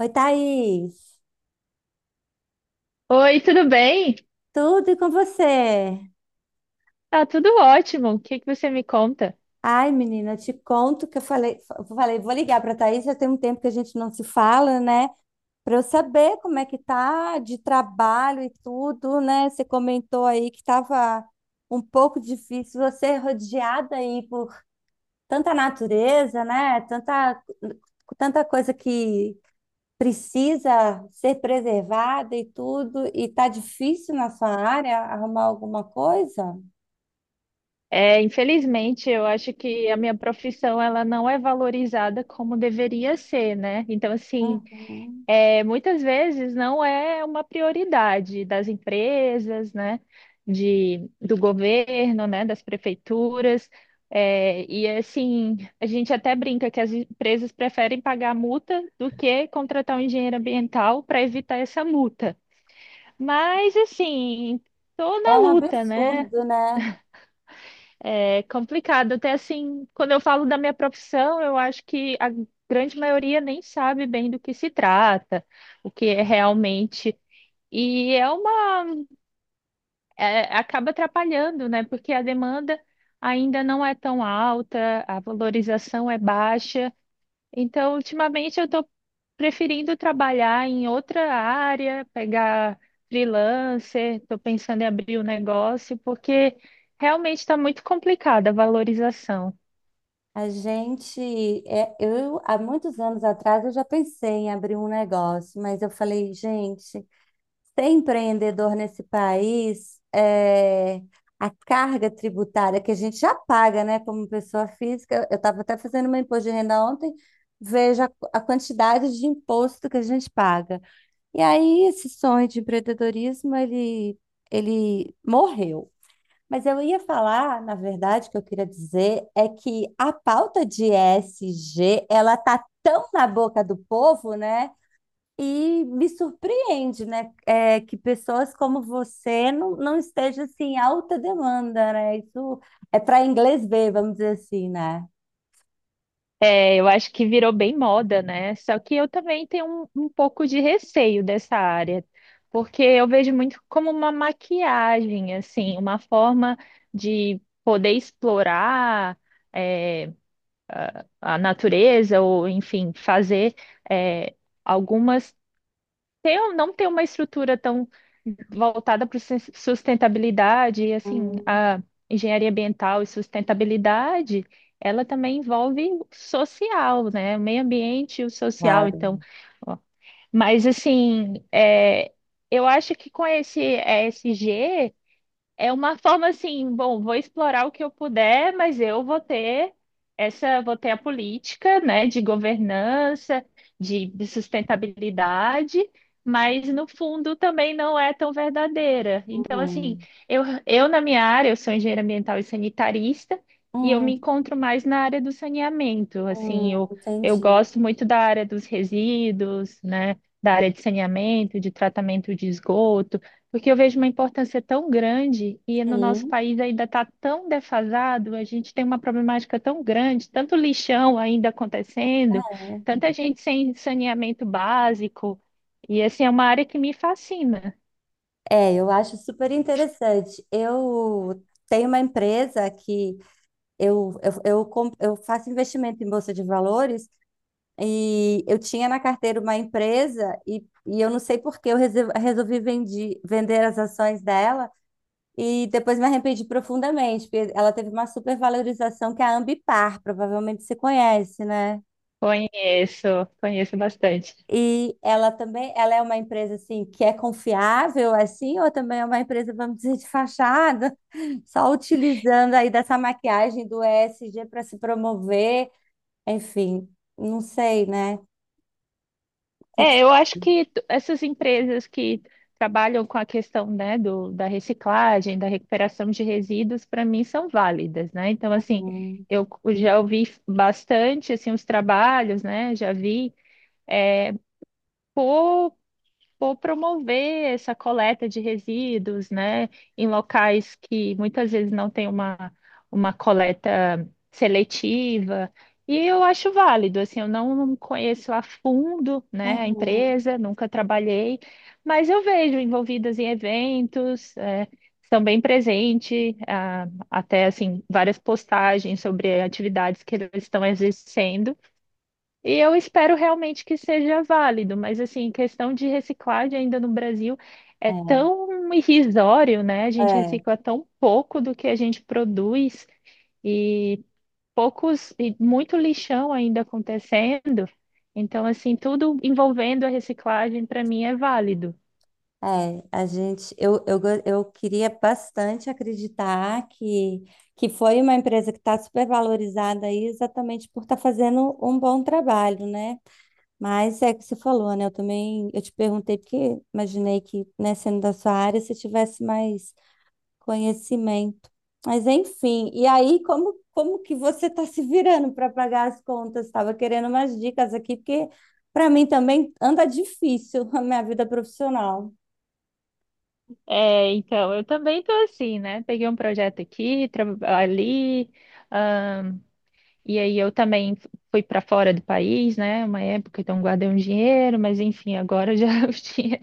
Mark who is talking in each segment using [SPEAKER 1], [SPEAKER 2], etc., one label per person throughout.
[SPEAKER 1] Oi, Thaís.
[SPEAKER 2] Oi, tudo bem?
[SPEAKER 1] Tudo e com você?
[SPEAKER 2] Tá tudo ótimo. O que que você me conta?
[SPEAKER 1] Ai, menina, te conto que eu falei, vou ligar para Thaís, já tem um tempo que a gente não se fala, né? Para eu saber como é que tá de trabalho e tudo, né? Você comentou aí que estava um pouco difícil, você é rodeada aí por tanta natureza, né? Tanta, tanta coisa que precisa ser preservada e tudo, e tá difícil na sua área arrumar alguma coisa?
[SPEAKER 2] Infelizmente, eu acho que a minha profissão ela não é valorizada como deveria ser, né? Então, assim,
[SPEAKER 1] Uhum.
[SPEAKER 2] é, muitas vezes não é uma prioridade das empresas, né? Do governo, né? Das prefeituras. É, e assim, a gente até brinca que as empresas preferem pagar multa do que contratar um engenheiro ambiental para evitar essa multa. Mas assim, tô
[SPEAKER 1] É
[SPEAKER 2] na
[SPEAKER 1] um
[SPEAKER 2] luta, né?
[SPEAKER 1] absurdo, né?
[SPEAKER 2] É complicado. Até assim, quando eu falo da minha profissão, eu acho que a grande maioria nem sabe bem do que se trata, o que é realmente. E é uma, Acaba atrapalhando, né? Porque a demanda ainda não é tão alta, a valorização é baixa. Então, ultimamente eu estou preferindo trabalhar em outra área, pegar freelancer, estou pensando em abrir um negócio, porque realmente está muito complicada a valorização.
[SPEAKER 1] A gente, eu há muitos anos atrás, eu já pensei em abrir um negócio, mas eu falei, gente, ser empreendedor nesse país, a carga tributária que a gente já paga, né, como pessoa física. Eu estava até fazendo meu imposto de renda ontem, vejo a quantidade de imposto que a gente paga. E aí esse sonho de empreendedorismo, ele morreu. Mas eu ia falar, na verdade, o que eu queria dizer é que a pauta de E S G ela tá tão na boca do povo, né? E me surpreende, né? Que pessoas como você não estejam assim em alta demanda, né? Isso é para inglês ver, vamos dizer assim, né?
[SPEAKER 2] É, eu acho que virou bem moda, né? Só que eu também tenho um pouco de receio dessa área, porque eu vejo muito como uma maquiagem, assim, uma forma de poder explorar. é, a natureza, ou enfim, fazer é, algumas. Ter, ou não ter uma estrutura tão voltada para sustentabilidade, e assim,
[SPEAKER 1] Hum.
[SPEAKER 2] a engenharia ambiental e sustentabilidade, ela também envolve o social, né? O meio ambiente e o social.
[SPEAKER 1] Claro.
[SPEAKER 2] Então, ó. Mas assim, eu acho que com esse E S G é uma forma assim, bom, vou explorar o que eu puder, mas eu vou ter essa, vou ter a política, né, de governança, de sustentabilidade, mas no fundo também não é tão verdadeira. Então, assim,
[SPEAKER 1] Uhum.
[SPEAKER 2] eu, eu na minha área, eu sou engenheira ambiental e sanitarista, e eu me
[SPEAKER 1] Hum,
[SPEAKER 2] encontro mais na área do saneamento. Assim, eu
[SPEAKER 1] entendi.
[SPEAKER 2] gosto muito da área dos resíduos, né, da área de saneamento, de tratamento de esgoto. Porque eu vejo uma importância tão grande e no nosso
[SPEAKER 1] Sim.
[SPEAKER 2] país ainda está tão defasado, a gente tem uma problemática tão grande, tanto lixão ainda acontecendo, tanta gente sem saneamento básico. E assim, é uma área que me fascina.
[SPEAKER 1] É, eu acho super interessante. Eu tenho uma empresa que Eu faço investimento em bolsa de valores e eu tinha na carteira uma empresa e eu não sei por que eu resolvi vender as ações dela e depois me arrependi profundamente, porque ela teve uma supervalorização, que é a Ambipar, provavelmente você conhece, né?
[SPEAKER 2] Conheço, conheço bastante.
[SPEAKER 1] E ela também, ela é uma empresa assim que é confiável assim, ou também é uma empresa, vamos dizer, de fachada, só utilizando aí dessa maquiagem do ESG para se promover? Enfim, não sei, né? O que que
[SPEAKER 2] É, eu acho que essas empresas que trabalham com a questão, né, da reciclagem, da recuperação de resíduos, para mim são válidas, né? Então, assim,
[SPEAKER 1] são-
[SPEAKER 2] eu já ouvi bastante, assim, os trabalhos, né? Já vi por promover essa coleta de resíduos, né, em locais que muitas vezes não tem uma coleta seletiva. E eu acho válido, assim, eu não conheço a fundo, né, a
[SPEAKER 1] Uhum.
[SPEAKER 2] empresa, nunca trabalhei, mas eu vejo envolvidas em eventos, estão bem presentes, até, assim, várias postagens sobre atividades que eles estão exercendo. E eu espero realmente que seja válido, mas assim, questão de reciclagem ainda no Brasil é tão irrisório, né? A
[SPEAKER 1] É,
[SPEAKER 2] gente
[SPEAKER 1] é,
[SPEAKER 2] recicla tão pouco do que a gente produz e poucos e muito lixão ainda acontecendo. Então, assim, tudo envolvendo a reciclagem para mim é válido.
[SPEAKER 1] é. A gente, eu, go- eu queria bastante acreditar que foi uma empresa que está super valorizada aí exatamente por estar fazendo um bom trabalho, né? Mas é que você falou, né? Eu te perguntei porque imaginei que, né, sendo da sua área, você tivesse mais conhecimento. Mas enfim, e aí como que você está se virando para pagar as contas? Estava querendo umas dicas aqui, porque para mim também anda difícil a minha vida profissional.
[SPEAKER 2] É, então, eu também tô assim, né? Peguei um projeto aqui, ali. E aí eu também fui para fora do país, né? Uma época, então guardei um dinheiro, mas enfim, agora já os dinhe-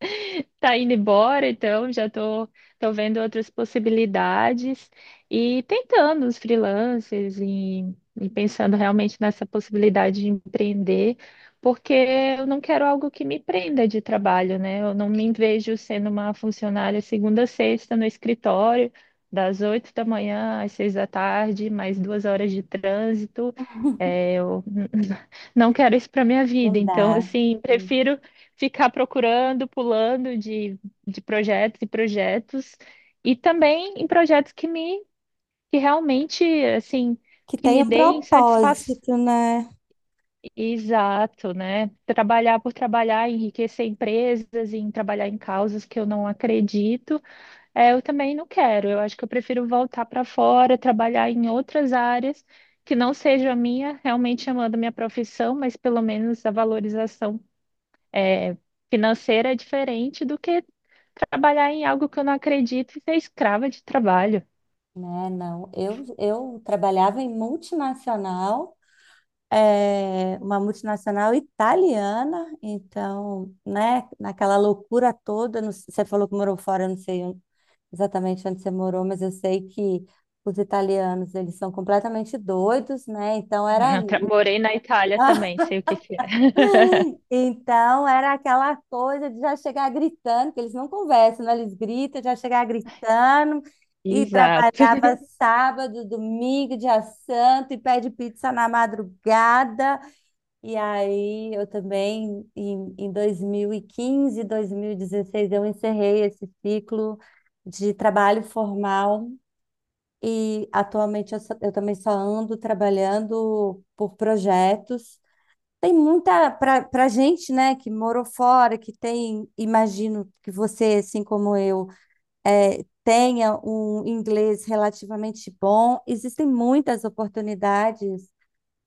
[SPEAKER 2] Tá indo embora, então já tô vendo outras possibilidades e tentando os freelancers e pensando realmente nessa possibilidade de empreender, porque eu não quero algo que me prenda de trabalho, né? Eu não me vejo sendo uma funcionária segunda a sexta no escritório, das 8 da manhã às 6 da tarde, mais 2 horas de trânsito. É, eu não quero isso para minha vida,
[SPEAKER 1] Não
[SPEAKER 2] então
[SPEAKER 1] dá.
[SPEAKER 2] assim, prefiro ficar procurando, pulando de projetos e projetos, e também em projetos que realmente assim
[SPEAKER 1] Que
[SPEAKER 2] que
[SPEAKER 1] tem
[SPEAKER 2] me
[SPEAKER 1] um
[SPEAKER 2] deem satisfação.
[SPEAKER 1] propósito, né?
[SPEAKER 2] Exato, né? Trabalhar por trabalhar, enriquecer empresas, em trabalhar em causas que eu não acredito, é, eu também não quero. Eu acho que eu prefiro voltar para fora, trabalhar em outras áreas que não seja a minha, realmente amando a minha profissão, mas pelo menos a valorização é, financeira é diferente do que trabalhar em algo que eu não acredito e ser escrava de trabalho.
[SPEAKER 1] Né, não. Eu trabalhava em multinacional, é, uma multinacional italiana. Então, né, naquela loucura toda, você falou que morou fora, eu não sei exatamente onde você morou, mas eu sei que os italianos, eles são completamente doidos, né? Então era
[SPEAKER 2] Eu morei na Itália também, sei o que que é.
[SPEAKER 1] Então era aquela coisa de já chegar gritando, que eles não conversam, né? Eles gritam, já chegar gritando e
[SPEAKER 2] Exato.
[SPEAKER 1] trabalhava sábado, domingo, dia santo e pede pizza na madrugada. E aí eu também em dois mil e quinze, 2016, eu encerrei esse ciclo de trabalho formal. E atualmente eu também só ando trabalhando por projetos. Tem muita para gente, né, que morou fora, que tem, imagino que você, assim como eu, tenha um inglês relativamente bom. Existem muitas oportunidades,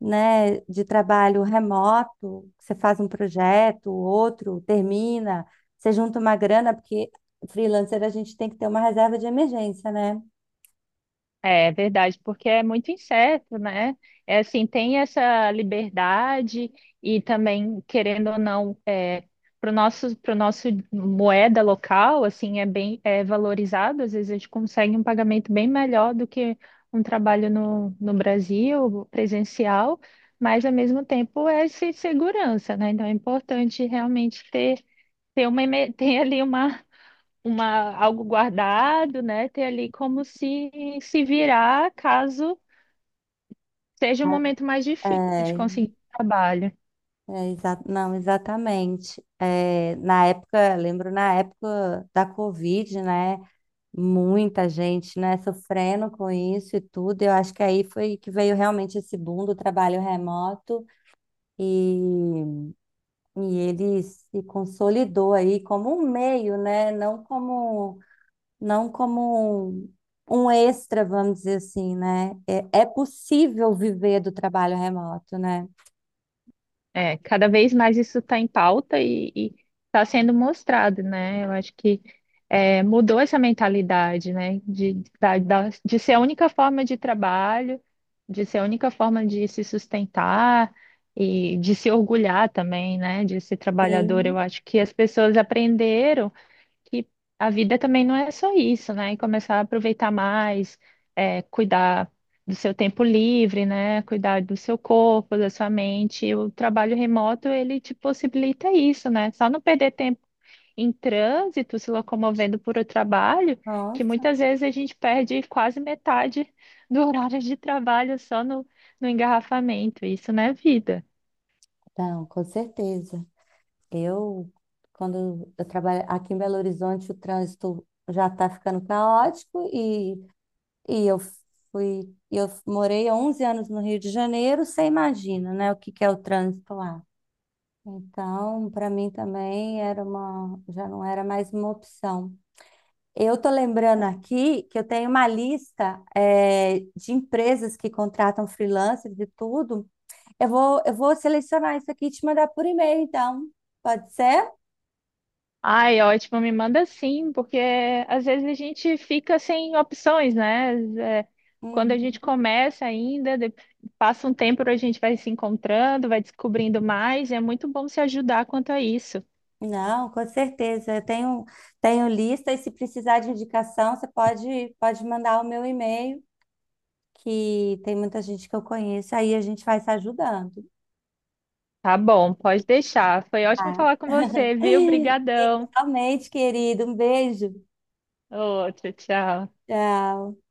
[SPEAKER 1] né, de trabalho remoto. Você faz um projeto, outro termina, você junta uma grana, porque freelancer a gente tem que ter uma reserva de emergência, né?
[SPEAKER 2] É verdade, porque é muito incerto, né? É assim, tem essa liberdade e também, querendo ou não, é, para o nosso moeda local, assim, é bem valorizado. Às vezes a gente consegue um pagamento bem melhor do que um trabalho no, no Brasil, presencial, mas ao mesmo tempo é essa segurança, né? Então é importante realmente ter uma, ter ali uma, algo guardado, né? Ter ali como se se virar caso seja um momento mais difícil de
[SPEAKER 1] É,
[SPEAKER 2] conseguir trabalho.
[SPEAKER 1] é, não, exatamente. É, na época, lembro, na época da Covid, né? Muita gente, né, sofrendo com isso e tudo. Eu acho que aí foi que veio realmente esse boom do trabalho remoto, e, e ele se consolidou aí como um meio, né? Não como um extra, vamos dizer assim, né? É, é possível viver do trabalho remoto, né?
[SPEAKER 2] É, cada vez mais isso está em pauta e está sendo mostrado, né? Eu acho que é, mudou essa mentalidade, né? De ser a única forma de trabalho, de ser a única forma de se sustentar. E de se orgulhar também, né, de ser trabalhador. Eu
[SPEAKER 1] Sim,
[SPEAKER 2] acho que as pessoas aprenderam que a vida também não é só isso, né? E começar a aproveitar mais, é, cuidar do seu tempo livre, né? Cuidar do seu corpo, da sua mente. E o trabalho remoto, ele te possibilita isso, né? Só não perder tempo em trânsito, se locomovendo por o trabalho, que
[SPEAKER 1] nossa.
[SPEAKER 2] muitas vezes a gente perde quase metade do horário de trabalho só no, no engarrafamento. Isso não é vida.
[SPEAKER 1] Não, com certeza. Eu, quando eu trabalho aqui em Belo Horizonte, o trânsito já está ficando caótico, e eu eu morei há 11 anos no Rio de Janeiro, você imagina, né, o que que é o trânsito lá. Então, para mim também era já não era mais uma opção. Eu tô lembrando aqui que eu tenho uma lista, de empresas que contratam freelancers e tudo. Eu vou selecionar isso aqui e te mandar por e-mail, então. Pode ser?
[SPEAKER 2] Ai, ótimo, me manda sim, porque às vezes a gente fica sem opções, né? É, quando a gente
[SPEAKER 1] Uhum.
[SPEAKER 2] começa ainda, passa um tempo, a gente vai se encontrando, vai descobrindo mais, e é muito bom se ajudar quanto a isso.
[SPEAKER 1] Não, com certeza. Eu tenho lista, e se precisar de indicação, você pode mandar o meu e-mail, que tem muita gente que eu conheço, aí a gente vai se ajudando.
[SPEAKER 2] Tá bom, pode deixar. Foi ótimo
[SPEAKER 1] Tá?
[SPEAKER 2] falar com você, viu? Brigadão.
[SPEAKER 1] Igualmente, querido. Um beijo.
[SPEAKER 2] Ô, tchau, tchau.
[SPEAKER 1] Tchau.